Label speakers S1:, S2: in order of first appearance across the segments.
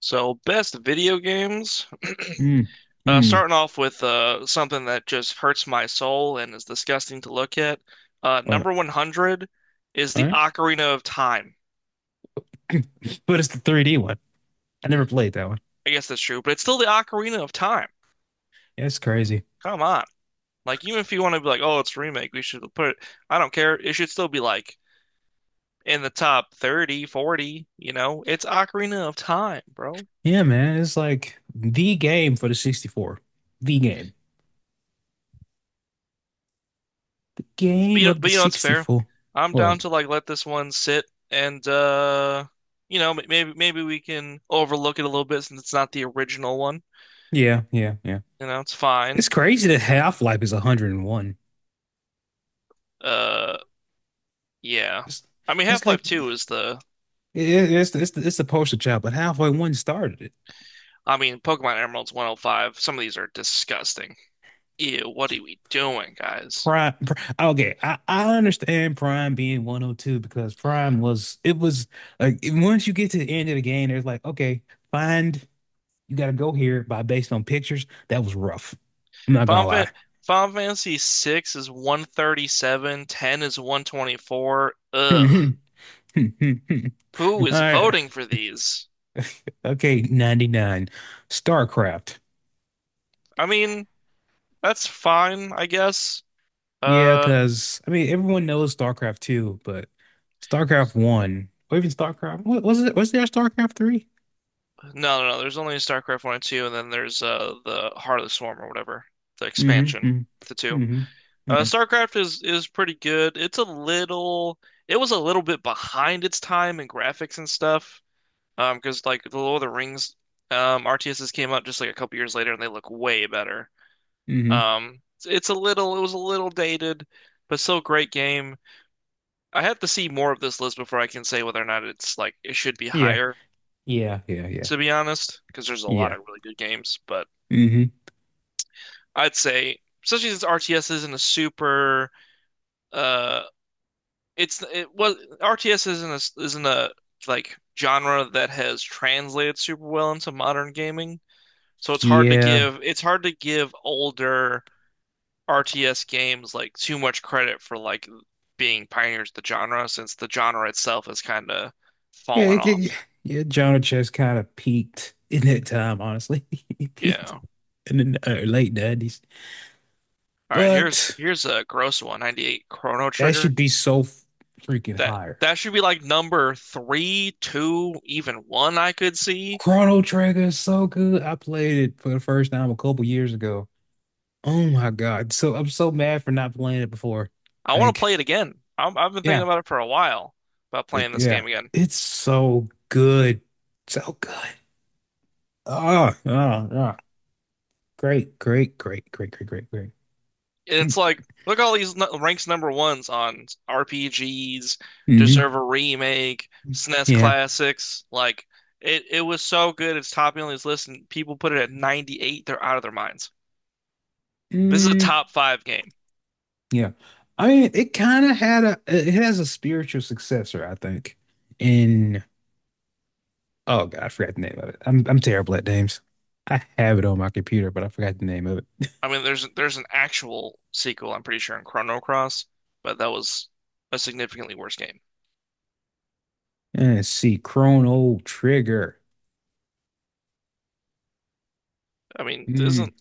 S1: So, best video games.
S2: Mm,
S1: Uh,
S2: mm.
S1: starting off with something that just hurts my soul and is disgusting to look at. Uh,
S2: What?
S1: number 100 is
S2: All
S1: the
S2: right.
S1: Ocarina of Time.
S2: But it's the 3D one. I never played that one.
S1: I guess that's true, but it's still the Ocarina of Time.
S2: Yeah, it's crazy.
S1: Come on. Like, even if you want to be like, oh, it's a remake, we should put it, I don't care. It should still be like in the top 30, 40, you know? It's Ocarina of Time, bro.
S2: Yeah, man. It's like the game for the 64. The game. The
S1: But
S2: game
S1: you know,
S2: of the
S1: but you know, it's fair.
S2: 64.
S1: I'm down
S2: What?
S1: to like let this one sit and maybe we can overlook it a little bit since it's not the original one.
S2: Yeah, yeah, yeah.
S1: It's fine.
S2: It's crazy that Half-Life is 101.
S1: Uh yeah.
S2: It's,
S1: I mean
S2: that's like
S1: Half-Life 2 is the,
S2: it's the poster child, but Half-Life 1 started it.
S1: I mean Pokemon Emeralds 105. Some of these are disgusting. Ew, what are we doing, guys?
S2: Prime. Okay, I understand Prime being 102 because Prime was it was like once you get to the end of the game, it's like, okay, find you got to go here by based on pictures. That was rough. I'm not gonna
S1: Final,
S2: lie.
S1: Fan- Final Fantasy 6 is 137, 10 is 124. Ugh.
S2: All
S1: Who is
S2: right,
S1: voting for these?
S2: okay, 99. StarCraft.
S1: I mean, that's fine, I guess.
S2: Yeah,
S1: Uh,
S2: because I mean everyone knows StarCraft 2, but StarCraft 1 or even StarCraft, what was it? Was there a StarCraft 3?
S1: no, no, no. There's only StarCraft one and two, and then there's the Heart of the Swarm or whatever, the
S2: Mm-hmm.
S1: expansion to
S2: Mm-hmm.
S1: two.
S2: Mm-hmm. Yeah.
S1: StarCraft is pretty good. It was a little bit behind its time in graphics and stuff. Because like the Lord of the Rings, RTSs came out just like a couple years later, and they look way better.
S2: Mm-hmm.
S1: It's a little, it was a little dated, but still a great game. I have to see more of this list before I can say whether or not it's like it should be
S2: Yeah.
S1: higher,
S2: Yeah, yeah, yeah,
S1: to be honest, because there's a lot
S2: yeah.
S1: of really good games. But
S2: Hmm.
S1: I'd say, especially since RTS isn't a super, uh, it was RTS isn't a like genre that has translated super well into modern gaming. So it's hard to
S2: Yeah,
S1: give it's hard to give older RTS games like too much credit for like being pioneers of the genre since the genre itself has kind of
S2: yeah,
S1: fallen off.
S2: yeah. Jonah Chess kind of peaked in that time, honestly. He peaked
S1: Yeah.
S2: in the late 90s,
S1: All right, here's
S2: but
S1: here's a gross one, 98 Chrono
S2: that should
S1: Trigger.
S2: be so freaking
S1: that
S2: higher.
S1: that should be like number three, two, even one I could see.
S2: Chrono Trigger is so good. I played it for the first time a couple years ago. Oh my God. So I'm so mad for not playing it before.
S1: I want to
S2: Like,
S1: play it again. I've been thinking
S2: yeah,
S1: about it for a while about playing
S2: like,
S1: this
S2: yeah,
S1: game again.
S2: it's so good. So good. Oh, oh, oh. Great, great, great, great, great, great, great.
S1: And it's like, look at all these ranks number ones on RPGs,
S2: Mm-hmm.
S1: deserve a remake, SNES
S2: Yeah.
S1: classics. Like it was so good. It's topping on this list, and people put it at 98. They're out of their minds. This is a
S2: Mm,
S1: top five game.
S2: yeah. I mean, it kind of had a, it has a spiritual successor, I think. In, oh God, I forgot the name of it. I'm terrible at names. I have it on my computer, but I forgot the name of it.
S1: I mean, there's an actual sequel, I'm pretty sure, in Chrono Cross, but that was a significantly worse game.
S2: Let's see, Chrono Trigger.
S1: I mean,
S2: Mm,
S1: isn't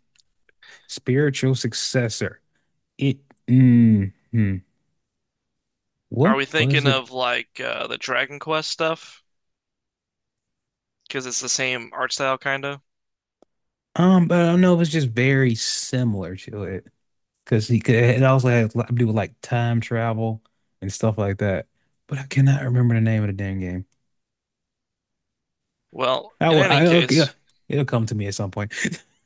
S2: spiritual successor. It, mm, mm.
S1: are
S2: What
S1: we
S2: was
S1: thinking
S2: it?
S1: of like the Dragon Quest stuff? Because it's the same art style, kind of.
S2: But I don't know. It was just very similar to it. Because he could. It also has a lot to do with like time travel and stuff like that. But I cannot remember the name of the damn game.
S1: Well,
S2: I
S1: in
S2: will.
S1: any case,
S2: Yeah, it'll come to me at some point.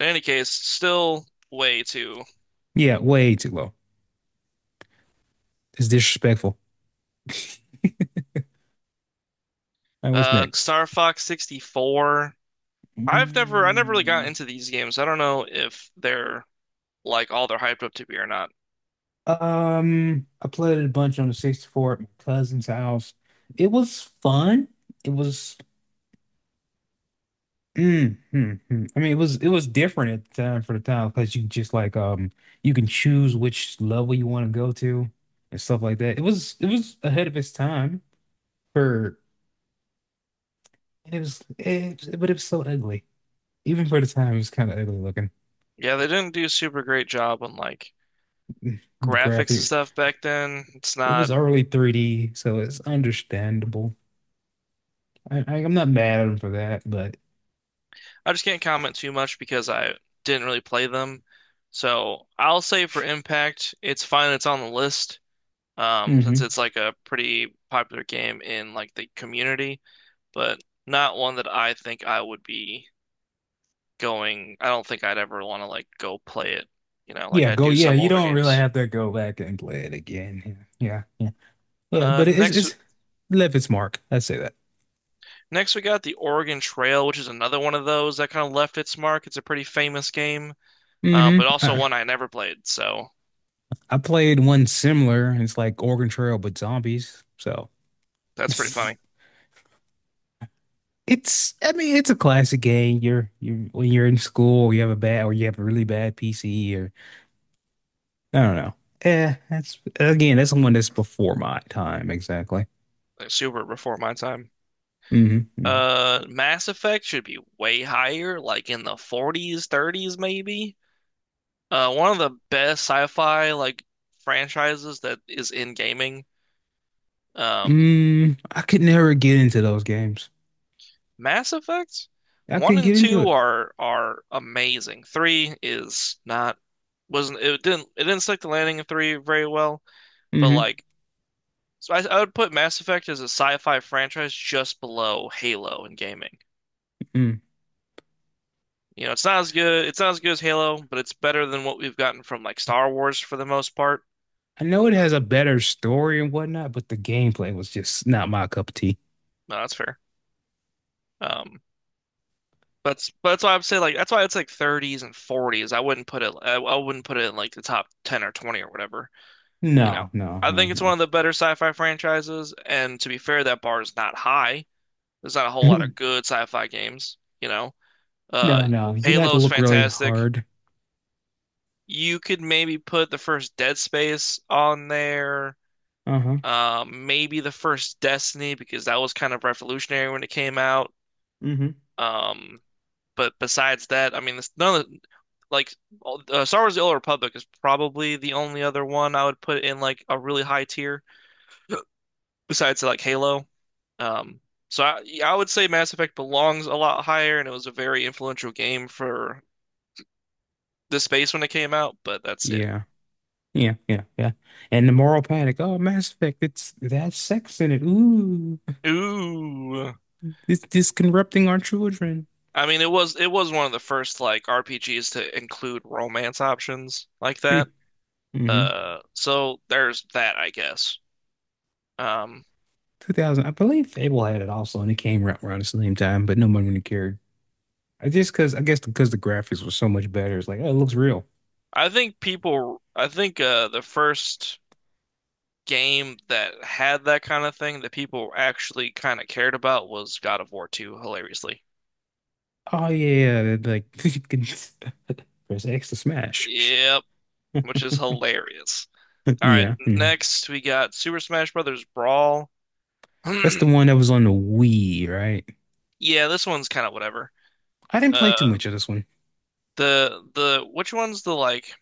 S1: still way too.
S2: Yeah, way too low. It's disrespectful. All right, what's next?
S1: Star Fox 64. I never really got
S2: Mm,
S1: into these games. I don't know if they're like all they're hyped up to be or not.
S2: I played it a bunch on the 64 at my cousin's house. It was fun. It was Mm, mm, mm. I mean, it was different at the time, for the time, because you just like you can choose which level you want to go to and stuff like that. It was ahead of its time for and but it was so ugly. Even for the time, it was kind of ugly looking.
S1: Yeah, they didn't do a super great job on like
S2: The
S1: graphics and
S2: graphic
S1: stuff back then. It's
S2: It was
S1: not.
S2: early 3D, so it's understandable. I'm not mad at him for that, but
S1: I just can't comment too much because I didn't really play them. So I'll say for Impact, it's fine. It's on the list, since
S2: hmm.
S1: it's like a pretty popular game in like the community, but not one that I think I would be going. I don't think I'd ever want to like go play it, like
S2: Yeah,
S1: I
S2: go.
S1: do
S2: Yeah,
S1: some
S2: you
S1: older
S2: don't really
S1: games.
S2: have to go back and play it again. Yeah, yeah, yeah, yeah.
S1: Uh,
S2: But it's
S1: next,
S2: it's left its mark. I'd say that.
S1: next we got the Oregon Trail, which is another one of those that kind of left its mark. It's a pretty famous game,
S2: Hmm.
S1: but also
S2: I,
S1: one I never played, so
S2: I played one similar, and it's like Organ Trail but zombies. So
S1: that's pretty
S2: it's,
S1: funny.
S2: I mean, it's a classic game. You when you're in school, you have a really bad PC, or I don't know. Yeah, that's again, that's the one that's before my time exactly.
S1: Like super before my time.
S2: Hmm. Hmm.
S1: Mass Effect should be way higher, like in the 40s, 30s maybe. One of the best sci-fi like franchises that is in gaming. Um,
S2: Mm, I could never get into those games.
S1: Mass Effect
S2: I
S1: one
S2: couldn't
S1: and
S2: get into
S1: two
S2: it.
S1: are amazing. Three is not wasn't it didn't stick the landing in three very well, but
S2: Hmm.
S1: like so I would put Mass Effect as a sci-fi franchise just below Halo in gaming.
S2: Mm.
S1: It's not as good. It's not as good as Halo, but it's better than what we've gotten from like Star Wars for the most part.
S2: I know it has a better story and whatnot, but the gameplay was just not my cup of tea.
S1: No, that's fair. Um, that's why I'd say like that's why it's like 30s and 40s. I wouldn't put it. I wouldn't put it in like the top 10 or 20 or whatever. You know,
S2: No, no,
S1: I think it's one
S2: no,
S1: of the better sci-fi franchises. And to be fair, that bar is not high. There's not a whole lot
S2: no.
S1: of good sci-fi games. Uh,
S2: No, no. You'd have to
S1: Halo's
S2: look really
S1: fantastic.
S2: hard.
S1: You could maybe put the first Dead Space on there.
S2: Uh-huh.
S1: Maybe the first Destiny because that was kind of revolutionary when it came out.
S2: Mm-hmm.
S1: Um, but besides that, I mean, this, none of the, like all- Star Wars: The Old Republic is probably the only other one I would put in like a really high tier besides like Halo. Um, so I would say Mass Effect belongs a lot higher, and it was a very influential game for the space when it came out. But that's it.
S2: Yeah. Yeah, yeah, yeah. And the moral panic. Oh, Mass Effect, it has sex in it. Ooh.
S1: Ooh.
S2: This corrupting our children.
S1: I mean, it was one of the first like RPGs to include romance options like that.
S2: Mm-hmm.
S1: So there's that, I guess. Um,
S2: 2000. I believe Fable had it also, and it came around the same time, but no one really cared. I just Because I guess, because the graphics were so much better, it's like, oh, it looks real.
S1: I think the first game that had that kind of thing that people actually kind of cared about was God of War 2, hilariously.
S2: Oh yeah, yeah, like you can press X to smash.
S1: Yep, which is hilarious. All right,
S2: Yeah. Mhm.
S1: next we got Super Smash Brothers Brawl.
S2: That's the one that was on the Wii, right?
S1: Yeah, this one's kind of whatever.
S2: I didn't play
S1: Uh,
S2: too much of this one.
S1: the which one's the, like,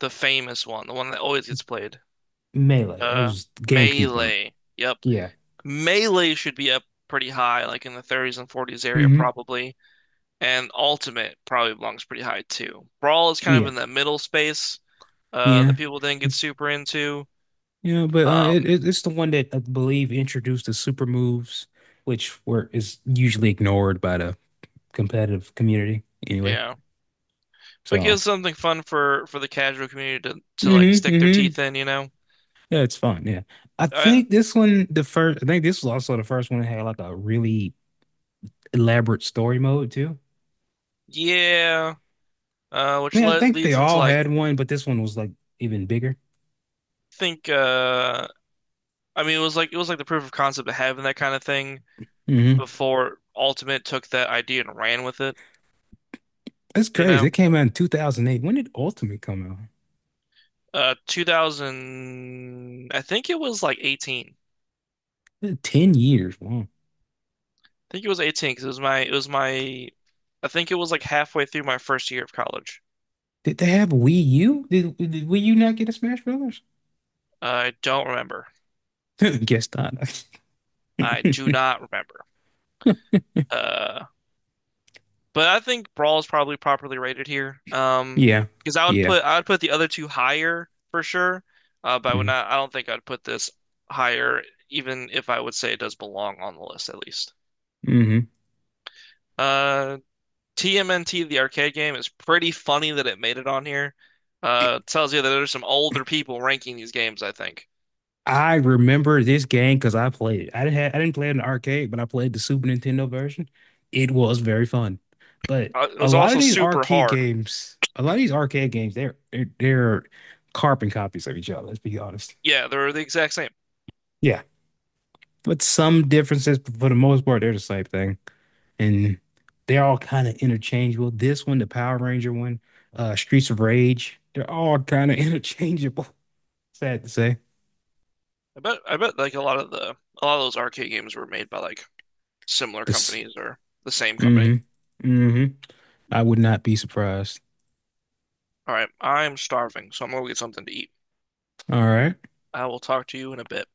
S1: the famous one, the one that always gets played?
S2: Melee. It
S1: Uh,
S2: was GameCube one.
S1: Melee. Yep,
S2: Yeah.
S1: Melee should be up pretty high, like in the 30s and 40s area
S2: Hmm.
S1: probably. And Ultimate probably belongs pretty high too. Brawl is kind of
S2: Yeah.
S1: in that middle space, that
S2: Yeah.
S1: people didn't get super into.
S2: Yeah, but
S1: Um,
S2: it's the one that I believe introduced the super moves, which were is usually ignored by the competitive community anyway.
S1: yeah, but
S2: So,
S1: gives something fun for the casual community to like
S2: hmm,
S1: stick their
S2: hmm.
S1: teeth in, you know?
S2: Yeah, it's fun. Yeah,
S1: Uh,
S2: I think this was also the first one that had like a really elaborate story mode too.
S1: yeah,
S2: I
S1: which
S2: mean, I
S1: le
S2: think they
S1: leads into
S2: all
S1: like
S2: had one, but this one was like even bigger.
S1: I think I mean it was like the proof of concept of having that kind of thing
S2: Hmm.
S1: before Ultimate took that idea and ran with it,
S2: That's
S1: you
S2: crazy.
S1: know?
S2: It came out in 2008. When did Ultimate come out?
S1: 2000, I think it was like 18.
S2: 10 years. Wow.
S1: I think it was 18 because I think it was like halfway through my first year of college.
S2: Did they have Wii U? Did Wii U not get a Smash Brothers?
S1: I don't remember.
S2: Guess not.
S1: I do not remember. Uh, but I think Brawl is probably properly rated here.
S2: Yeah.
S1: Because I would
S2: Yeah.
S1: put, I would put the other two higher for sure. But I would
S2: Mm-hmm.
S1: not, I don't think I'd put this higher, even if I would say it does belong on the list at least.
S2: Mm-hmm.
S1: Uh, TMNT, the arcade game, is pretty funny that it made it on here. It tells you that there's some older people ranking these games, I think.
S2: I remember this game because I played it. I didn't play it in the arcade, but I played the Super Nintendo version. It was very fun. But
S1: It
S2: a
S1: was
S2: lot of
S1: also
S2: these
S1: super
S2: arcade
S1: hard.
S2: games, a lot of these arcade games, they're carbon copies of each other, let's be honest.
S1: Yeah, they were the exact same.
S2: Yeah. But some differences, but for the most part, they're the same thing. And they're all kind of interchangeable. This one, the Power Ranger one, Streets of Rage, they're all kind of interchangeable. Sad to say.
S1: I bet like a lot of those arcade games were made by like similar
S2: This,
S1: companies or the same company.
S2: mm-hmm, mm-hmm. I would not be surprised.
S1: All right, I'm starving, so I'm gonna go get something to eat.
S2: All right,
S1: I will talk to you in a bit.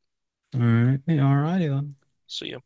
S2: all right, yeah, all righty then.
S1: See you.